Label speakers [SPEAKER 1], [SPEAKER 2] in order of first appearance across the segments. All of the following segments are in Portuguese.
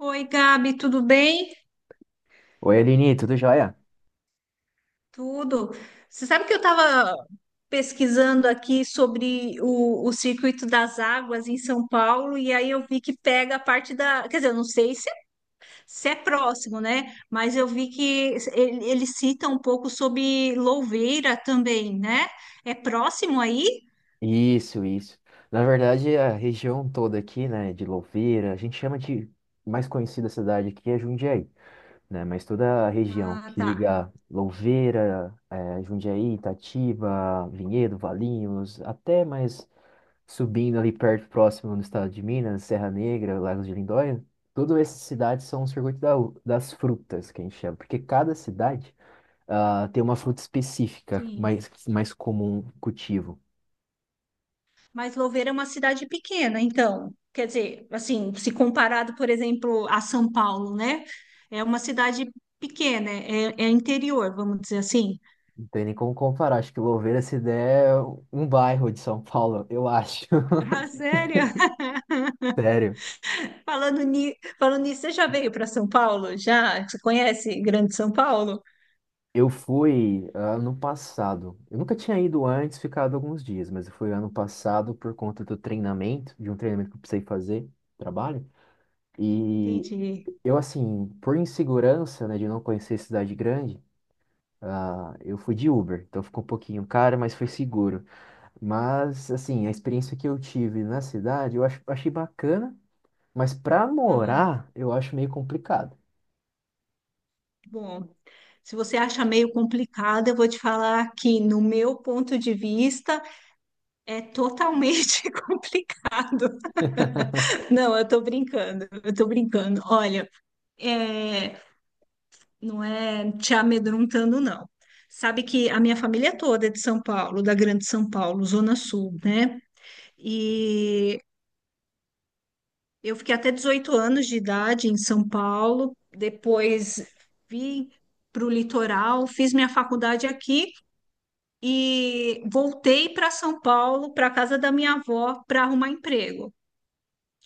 [SPEAKER 1] Oi, Gabi, tudo bem?
[SPEAKER 2] Oi, Aline, tudo jóia?
[SPEAKER 1] Tudo. Você sabe que eu estava pesquisando aqui sobre o circuito das águas em São Paulo e aí eu vi que pega a parte da. Quer dizer, eu não sei se é próximo, né? Mas eu vi que ele cita um pouco sobre Louveira também, né? É próximo aí?
[SPEAKER 2] Isso, isso. Na verdade, a região toda aqui, né, de Louveira, a gente chama de mais conhecida cidade aqui é Jundiaí, né? Mas toda a região
[SPEAKER 1] Ah,
[SPEAKER 2] que
[SPEAKER 1] tá.
[SPEAKER 2] liga Louveira, Jundiaí, Itatiba, Vinhedo, Valinhos, até mais subindo ali perto, próximo no estado de Minas, Serra Negra, Lagos de Lindóia, todas essas cidades são o circuito das frutas, que a gente chama, porque cada cidade tem uma fruta específica
[SPEAKER 1] Sim.
[SPEAKER 2] mais comum cultivo.
[SPEAKER 1] Mas Louveira é uma cidade pequena, então, quer dizer, assim, se comparado, por exemplo, a São Paulo, né? É uma cidade pequena, é interior, vamos dizer assim.
[SPEAKER 2] Não tem nem como comparar. Acho que Louveira, se der, é um bairro de São Paulo, eu acho.
[SPEAKER 1] Ah, sério?
[SPEAKER 2] Sério.
[SPEAKER 1] Falando nisso, você já veio para São Paulo? Já? Você conhece Grande São Paulo?
[SPEAKER 2] Eu fui ano passado. Eu nunca tinha ido antes, ficado alguns dias, mas eu fui ano passado por conta do treinamento, de um treinamento que eu precisei fazer, trabalho. E
[SPEAKER 1] Entendi.
[SPEAKER 2] eu, assim, por insegurança, né, de não conhecer cidade grande, eu fui de Uber. Então ficou um pouquinho caro, mas foi seguro. Mas, assim, a experiência que eu tive na cidade, eu achei bacana. Mas pra
[SPEAKER 1] Ah,
[SPEAKER 2] morar, eu acho meio complicado.
[SPEAKER 1] bom, se você acha meio complicado, eu vou te falar que, no meu ponto de vista, é totalmente complicado. Não, eu tô brincando, eu tô brincando. Olha. é, não é te amedrontando, não. Sabe que a minha família toda é de São Paulo, da Grande São Paulo, Zona Sul, né? E eu fiquei até 18 anos de idade em São Paulo, depois vim para o litoral, fiz minha faculdade aqui e voltei para São Paulo, para a casa da minha avó, para arrumar emprego.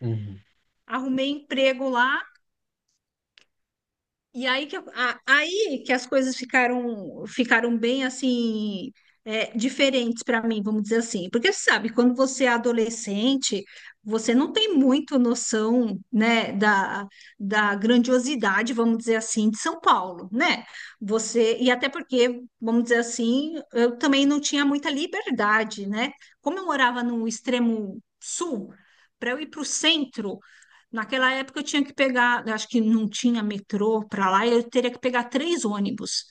[SPEAKER 2] Uhum.
[SPEAKER 1] Arrumei emprego lá. E aí que as coisas ficaram bem assim, diferentes para mim, vamos dizer assim. Porque você sabe, quando você é adolescente, você não tem muito noção, né, da grandiosidade, vamos dizer assim, de São Paulo, né? Você e até porque, vamos dizer assim, eu também não tinha muita liberdade, né? Como eu morava no extremo sul, para eu ir para o centro. Naquela época eu tinha que pegar, eu acho que não tinha metrô para lá, eu teria que pegar 3 ônibus.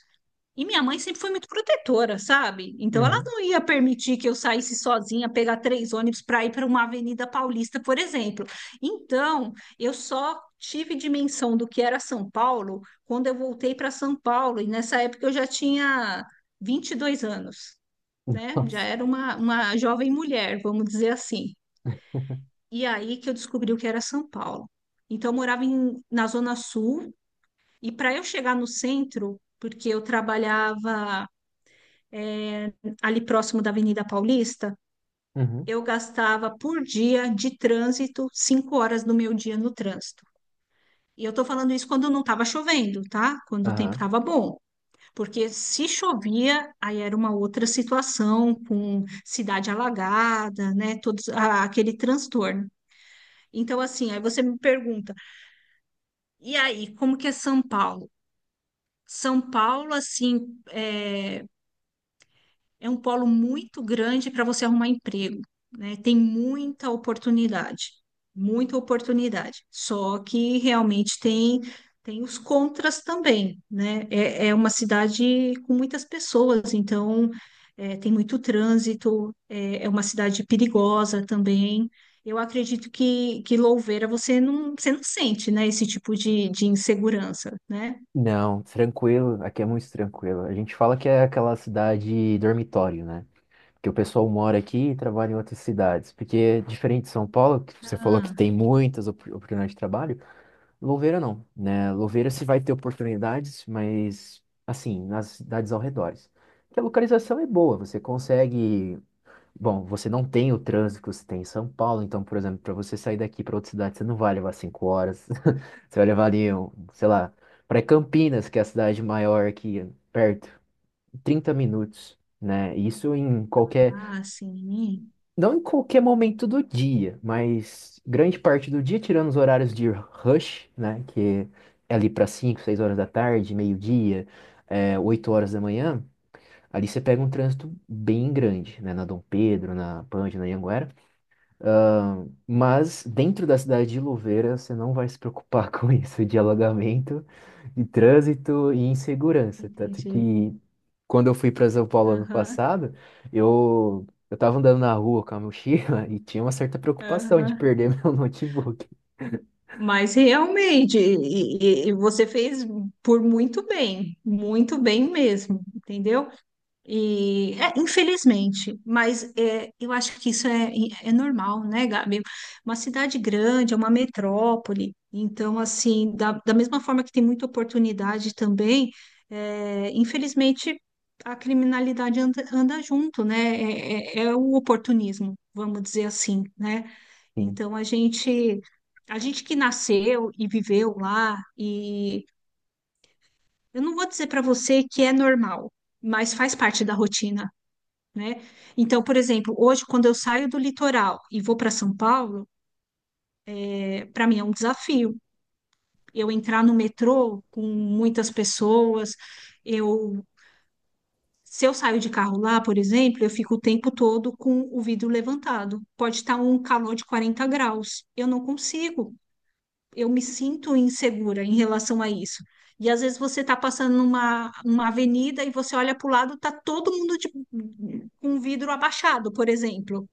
[SPEAKER 1] E minha mãe sempre foi muito protetora, sabe? Então ela
[SPEAKER 2] Uhum.
[SPEAKER 1] não ia permitir que eu saísse sozinha, pegar 3 ônibus para ir para uma Avenida Paulista, por exemplo. Então, eu só tive dimensão do que era São Paulo quando eu voltei para São Paulo, e nessa época eu já tinha 22 anos, né?
[SPEAKER 2] Nossa.
[SPEAKER 1] Já era uma jovem mulher, vamos dizer assim. E aí que eu descobri o que era São Paulo. Então, eu morava na Zona Sul, e para eu chegar no centro, porque eu trabalhava eh, ali próximo da Avenida Paulista,
[SPEAKER 2] Uhum.
[SPEAKER 1] eu gastava por dia de trânsito 5 horas do meu dia no trânsito. E eu estou falando isso quando não estava chovendo, tá? Quando o tempo
[SPEAKER 2] Aham.
[SPEAKER 1] estava bom. Porque se chovia, aí era uma outra situação, com cidade alagada, né? Todos, aquele transtorno. Então, assim, aí você me pergunta. E aí, como que é São Paulo? São Paulo, assim, é, um polo muito grande para você arrumar emprego, né? Tem muita oportunidade, muita oportunidade. Só que realmente tem os contras também, né? É uma cidade com muitas pessoas, então tem muito trânsito, é, é uma cidade perigosa também. Eu acredito que Louveira você não sente, né, esse tipo de insegurança, né?
[SPEAKER 2] Não, tranquilo. Aqui é muito tranquilo. A gente fala que é aquela cidade dormitório, né? Que o pessoal mora aqui e trabalha em outras cidades. Porque é diferente de São Paulo, que você falou que
[SPEAKER 1] Ah,
[SPEAKER 2] tem muitas oportunidades de trabalho, Louveira não, né? Louveira se vai ter oportunidades, mas, assim, nas cidades ao redor. Porque a localização é boa, você consegue. Bom, você não tem o trânsito que você tem em São Paulo, então, por exemplo, para você sair daqui para outra cidade, você não vai levar 5 horas. Você vai levar ali, um, sei lá, para Campinas, que é a cidade maior aqui perto, 30 minutos, né? Isso em qualquer,
[SPEAKER 1] ah, sim,
[SPEAKER 2] não em qualquer momento do dia, mas grande parte do dia, tirando os horários de rush, né? Que é ali para 5 6 horas da tarde, meio-dia, 8 horas da manhã. Ali você pega um trânsito bem grande, né? Na Dom Pedro, na Pândio, na Anhanguera. Ah, mas dentro da cidade de Louveira, você não vai se preocupar com isso, de alagamento, de trânsito e insegurança. Tanto
[SPEAKER 1] entendi.
[SPEAKER 2] que quando eu fui para São Paulo ano
[SPEAKER 1] Aham,
[SPEAKER 2] passado, eu estava andando na rua com a mochila e tinha uma certa preocupação de
[SPEAKER 1] aham.
[SPEAKER 2] perder meu notebook.
[SPEAKER 1] Mas realmente, e você fez por muito bem mesmo, entendeu? E, infelizmente, mas eu acho que isso é normal, né, Gabi? Uma cidade grande, é uma metrópole, então, assim, da mesma forma que tem muita oportunidade também, infelizmente, a criminalidade anda junto, né? É o oportunismo, vamos dizer assim, né?
[SPEAKER 2] Sim.
[SPEAKER 1] Então, a gente que nasceu e viveu lá, e eu não vou dizer para você que é normal, mas faz parte da rotina, né? Então, por exemplo, hoje, quando eu saio do litoral e vou para São Paulo, para mim é um desafio. Eu entrar no metrô com muitas pessoas, eu. Se eu saio de carro lá, por exemplo, eu fico o tempo todo com o vidro levantado. Pode estar um calor de 40 graus. Eu não consigo. Eu me sinto insegura em relação a isso. E às vezes você está passando numa avenida e você olha para o lado, está todo mundo com o vidro abaixado, por exemplo.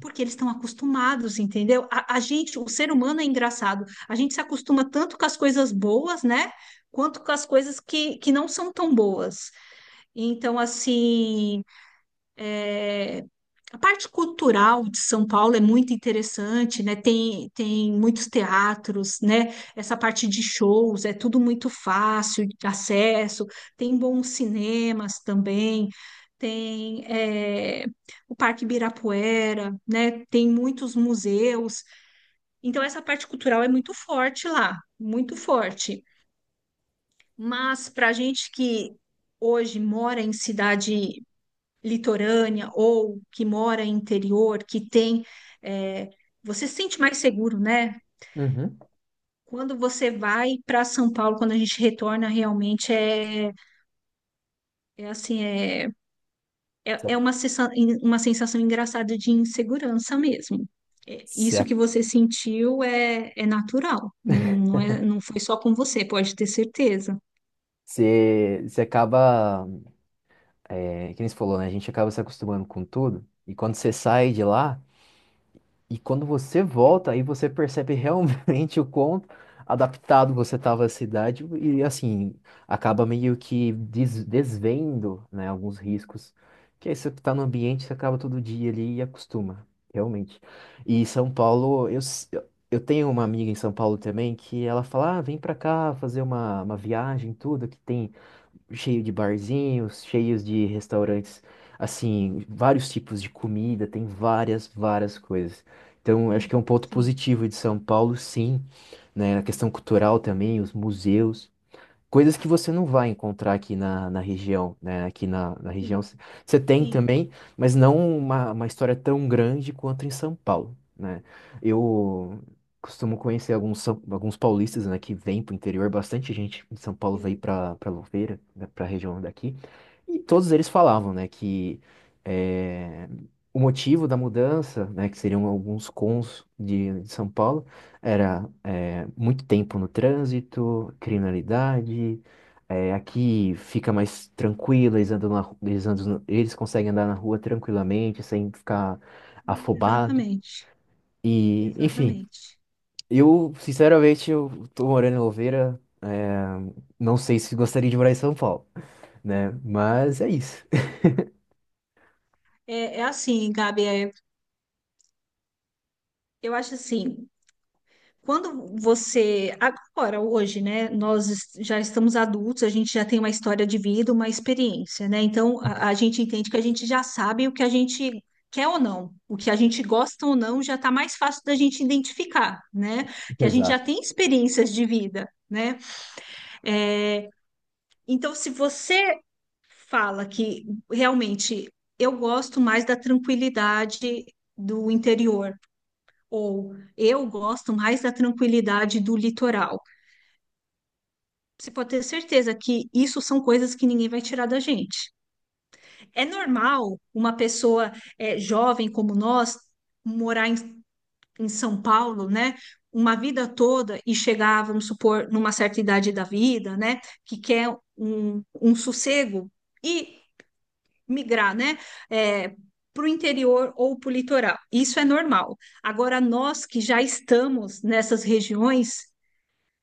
[SPEAKER 1] Porque eles estão acostumados, entendeu? A gente, o ser humano é engraçado. A gente se acostuma tanto com as coisas boas, né? Quanto com as coisas que não são tão boas. Então, assim, é, a parte cultural de São Paulo é muito interessante, né? Tem muitos teatros, né? Essa parte de shows é tudo muito fácil de acesso, tem bons cinemas também, tem o Parque Ibirapuera, né? Tem muitos museus. Então, essa parte cultural é muito forte lá, muito forte. Mas para a gente que hoje mora em cidade litorânea ou que mora em interior, que tem. é, você se sente mais seguro, né?
[SPEAKER 2] Uhum.
[SPEAKER 1] Quando você vai para São Paulo, quando a gente retorna, realmente é, é, assim, é uma sensação engraçada de insegurança mesmo. É, isso
[SPEAKER 2] Você,
[SPEAKER 1] que você sentiu é natural, não, não é, não foi só com você, pode ter certeza.
[SPEAKER 2] você acaba, que nem você falou, né? A gente acaba se acostumando com tudo. E quando você sai de lá, e quando você volta, aí você percebe realmente o quão adaptado você estava à cidade e, assim, acaba meio que desvendo, né, alguns riscos. Que aí você tá no ambiente, você acaba todo dia ali e acostuma, realmente. E São Paulo, eu tenho uma amiga em São Paulo também que ela fala: "Ah, vem pra cá fazer uma, viagem, tudo, que tem cheio de barzinhos, cheios de restaurantes, assim, vários tipos de comida, tem várias, várias coisas. Então, eu acho que
[SPEAKER 1] Sim,
[SPEAKER 2] é um ponto
[SPEAKER 1] sim,
[SPEAKER 2] positivo de São Paulo, sim, né? A questão cultural também, os museus, coisas que você não vai encontrar aqui na região, né? Aqui na região
[SPEAKER 1] sim,
[SPEAKER 2] você tem
[SPEAKER 1] sim,
[SPEAKER 2] também, mas não uma história tão grande quanto em São Paulo, né? Eu costumo conhecer alguns paulistas, né, que vêm para o interior, bastante gente em São Paulo veio
[SPEAKER 1] sim.
[SPEAKER 2] para Louveira, para a região daqui, e todos eles falavam, né, que eh, o motivo da mudança, né, que seriam alguns cons de São Paulo, era muito tempo no trânsito, criminalidade. É, aqui fica mais tranquilo, eles andam na, ru- eles andam, na- eles conseguem andar na rua tranquilamente, sem ficar afobado.
[SPEAKER 1] Exatamente,
[SPEAKER 2] E, enfim,
[SPEAKER 1] exatamente.
[SPEAKER 2] eu, sinceramente, eu tô morando em Louveira. Não sei se gostaria de morar em São Paulo, né? Mas é isso.
[SPEAKER 1] É assim, Gabi, Eu acho assim, quando você, agora, hoje, né, nós já estamos adultos, a gente já tem uma história de vida, uma experiência, né? Então, a gente entende que a gente já sabe o que a gente quer ou não, o que a gente gosta ou não, já está mais fácil da gente identificar, né? Que a gente já
[SPEAKER 2] Exato,
[SPEAKER 1] tem experiências de vida, né? É, então, se você fala que realmente eu gosto mais da tranquilidade do interior, ou eu gosto mais da tranquilidade do litoral. Você pode ter certeza que isso são coisas que ninguém vai tirar da gente. É normal uma pessoa jovem como nós morar em São Paulo, né? Uma vida toda e chegar, vamos supor, numa certa idade da vida, né? Que quer um sossego e migrar, né? eh, para o interior ou para o litoral. Isso é normal. Agora, nós que já estamos nessas regiões,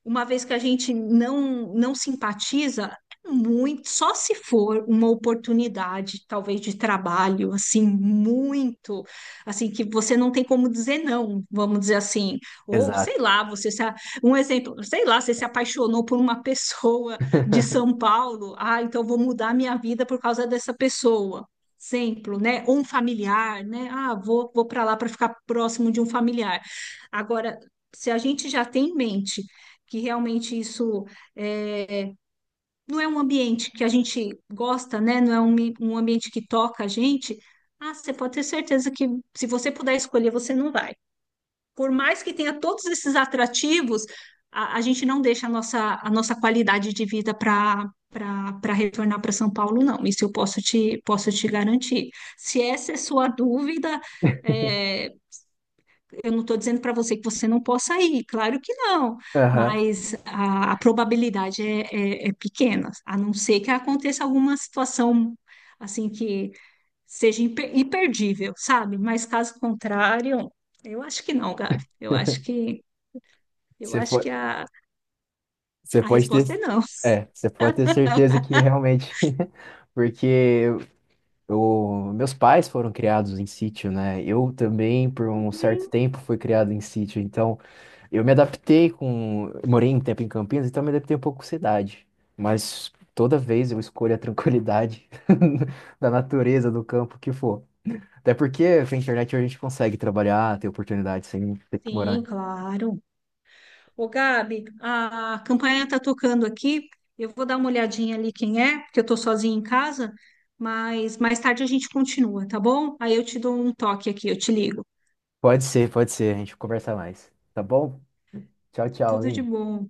[SPEAKER 1] uma vez que a gente não simpatiza, é muito, só se for uma oportunidade, talvez de trabalho, assim, muito, assim, que você não tem como dizer não, vamos dizer assim, ou sei
[SPEAKER 2] exato.
[SPEAKER 1] lá, você se, a- um exemplo, sei lá, você se apaixonou por uma pessoa de São Paulo, ah, então eu vou mudar minha vida por causa dessa pessoa. Exemplo, né? Ou um familiar, né? Ah, vou para lá para ficar próximo de um familiar. Agora, se a gente já tem em mente que realmente isso é, não é um ambiente que a gente gosta, né? Não é um ambiente que toca a gente. Ah, você pode ter certeza que se você puder escolher, você não vai. Por mais que tenha todos esses atrativos, a gente não deixa a nossa qualidade de vida para retornar para São Paulo, não. Isso eu posso te garantir. Se essa é sua dúvida, é, eu não estou dizendo para você que você não possa ir, claro que não,
[SPEAKER 2] Aham.
[SPEAKER 1] mas a probabilidade é pequena, a não ser que aconteça alguma situação assim que seja imperdível, sabe? Mas caso contrário, eu acho que não, Gabi. Eu acho que eu
[SPEAKER 2] Você
[SPEAKER 1] acho que
[SPEAKER 2] pode,
[SPEAKER 1] a,
[SPEAKER 2] você
[SPEAKER 1] a
[SPEAKER 2] pode ter,
[SPEAKER 1] resposta é não.
[SPEAKER 2] você pode ter certeza que realmente, porque eu, meus pais foram criados em sítio, né? Eu também, por um certo tempo, fui criado em sítio. Então, eu me adaptei com, eu morei um tempo em Campinas, então eu me adaptei um pouco com cidade. Mas toda vez eu escolho a tranquilidade da natureza, do campo, que for. Até porque com a internet a gente consegue trabalhar, ter oportunidade sem ter que morar.
[SPEAKER 1] Sim, claro. Ô, Gabi, a campanha está tocando aqui. Eu vou dar uma olhadinha ali quem é, porque eu estou sozinha em casa, mas mais tarde a gente continua, tá bom? Aí eu te dou um toque aqui, eu te ligo.
[SPEAKER 2] Pode ser, pode ser. A gente conversa mais. Tá bom? Tchau, tchau,
[SPEAKER 1] Tudo de
[SPEAKER 2] Aline.
[SPEAKER 1] bom.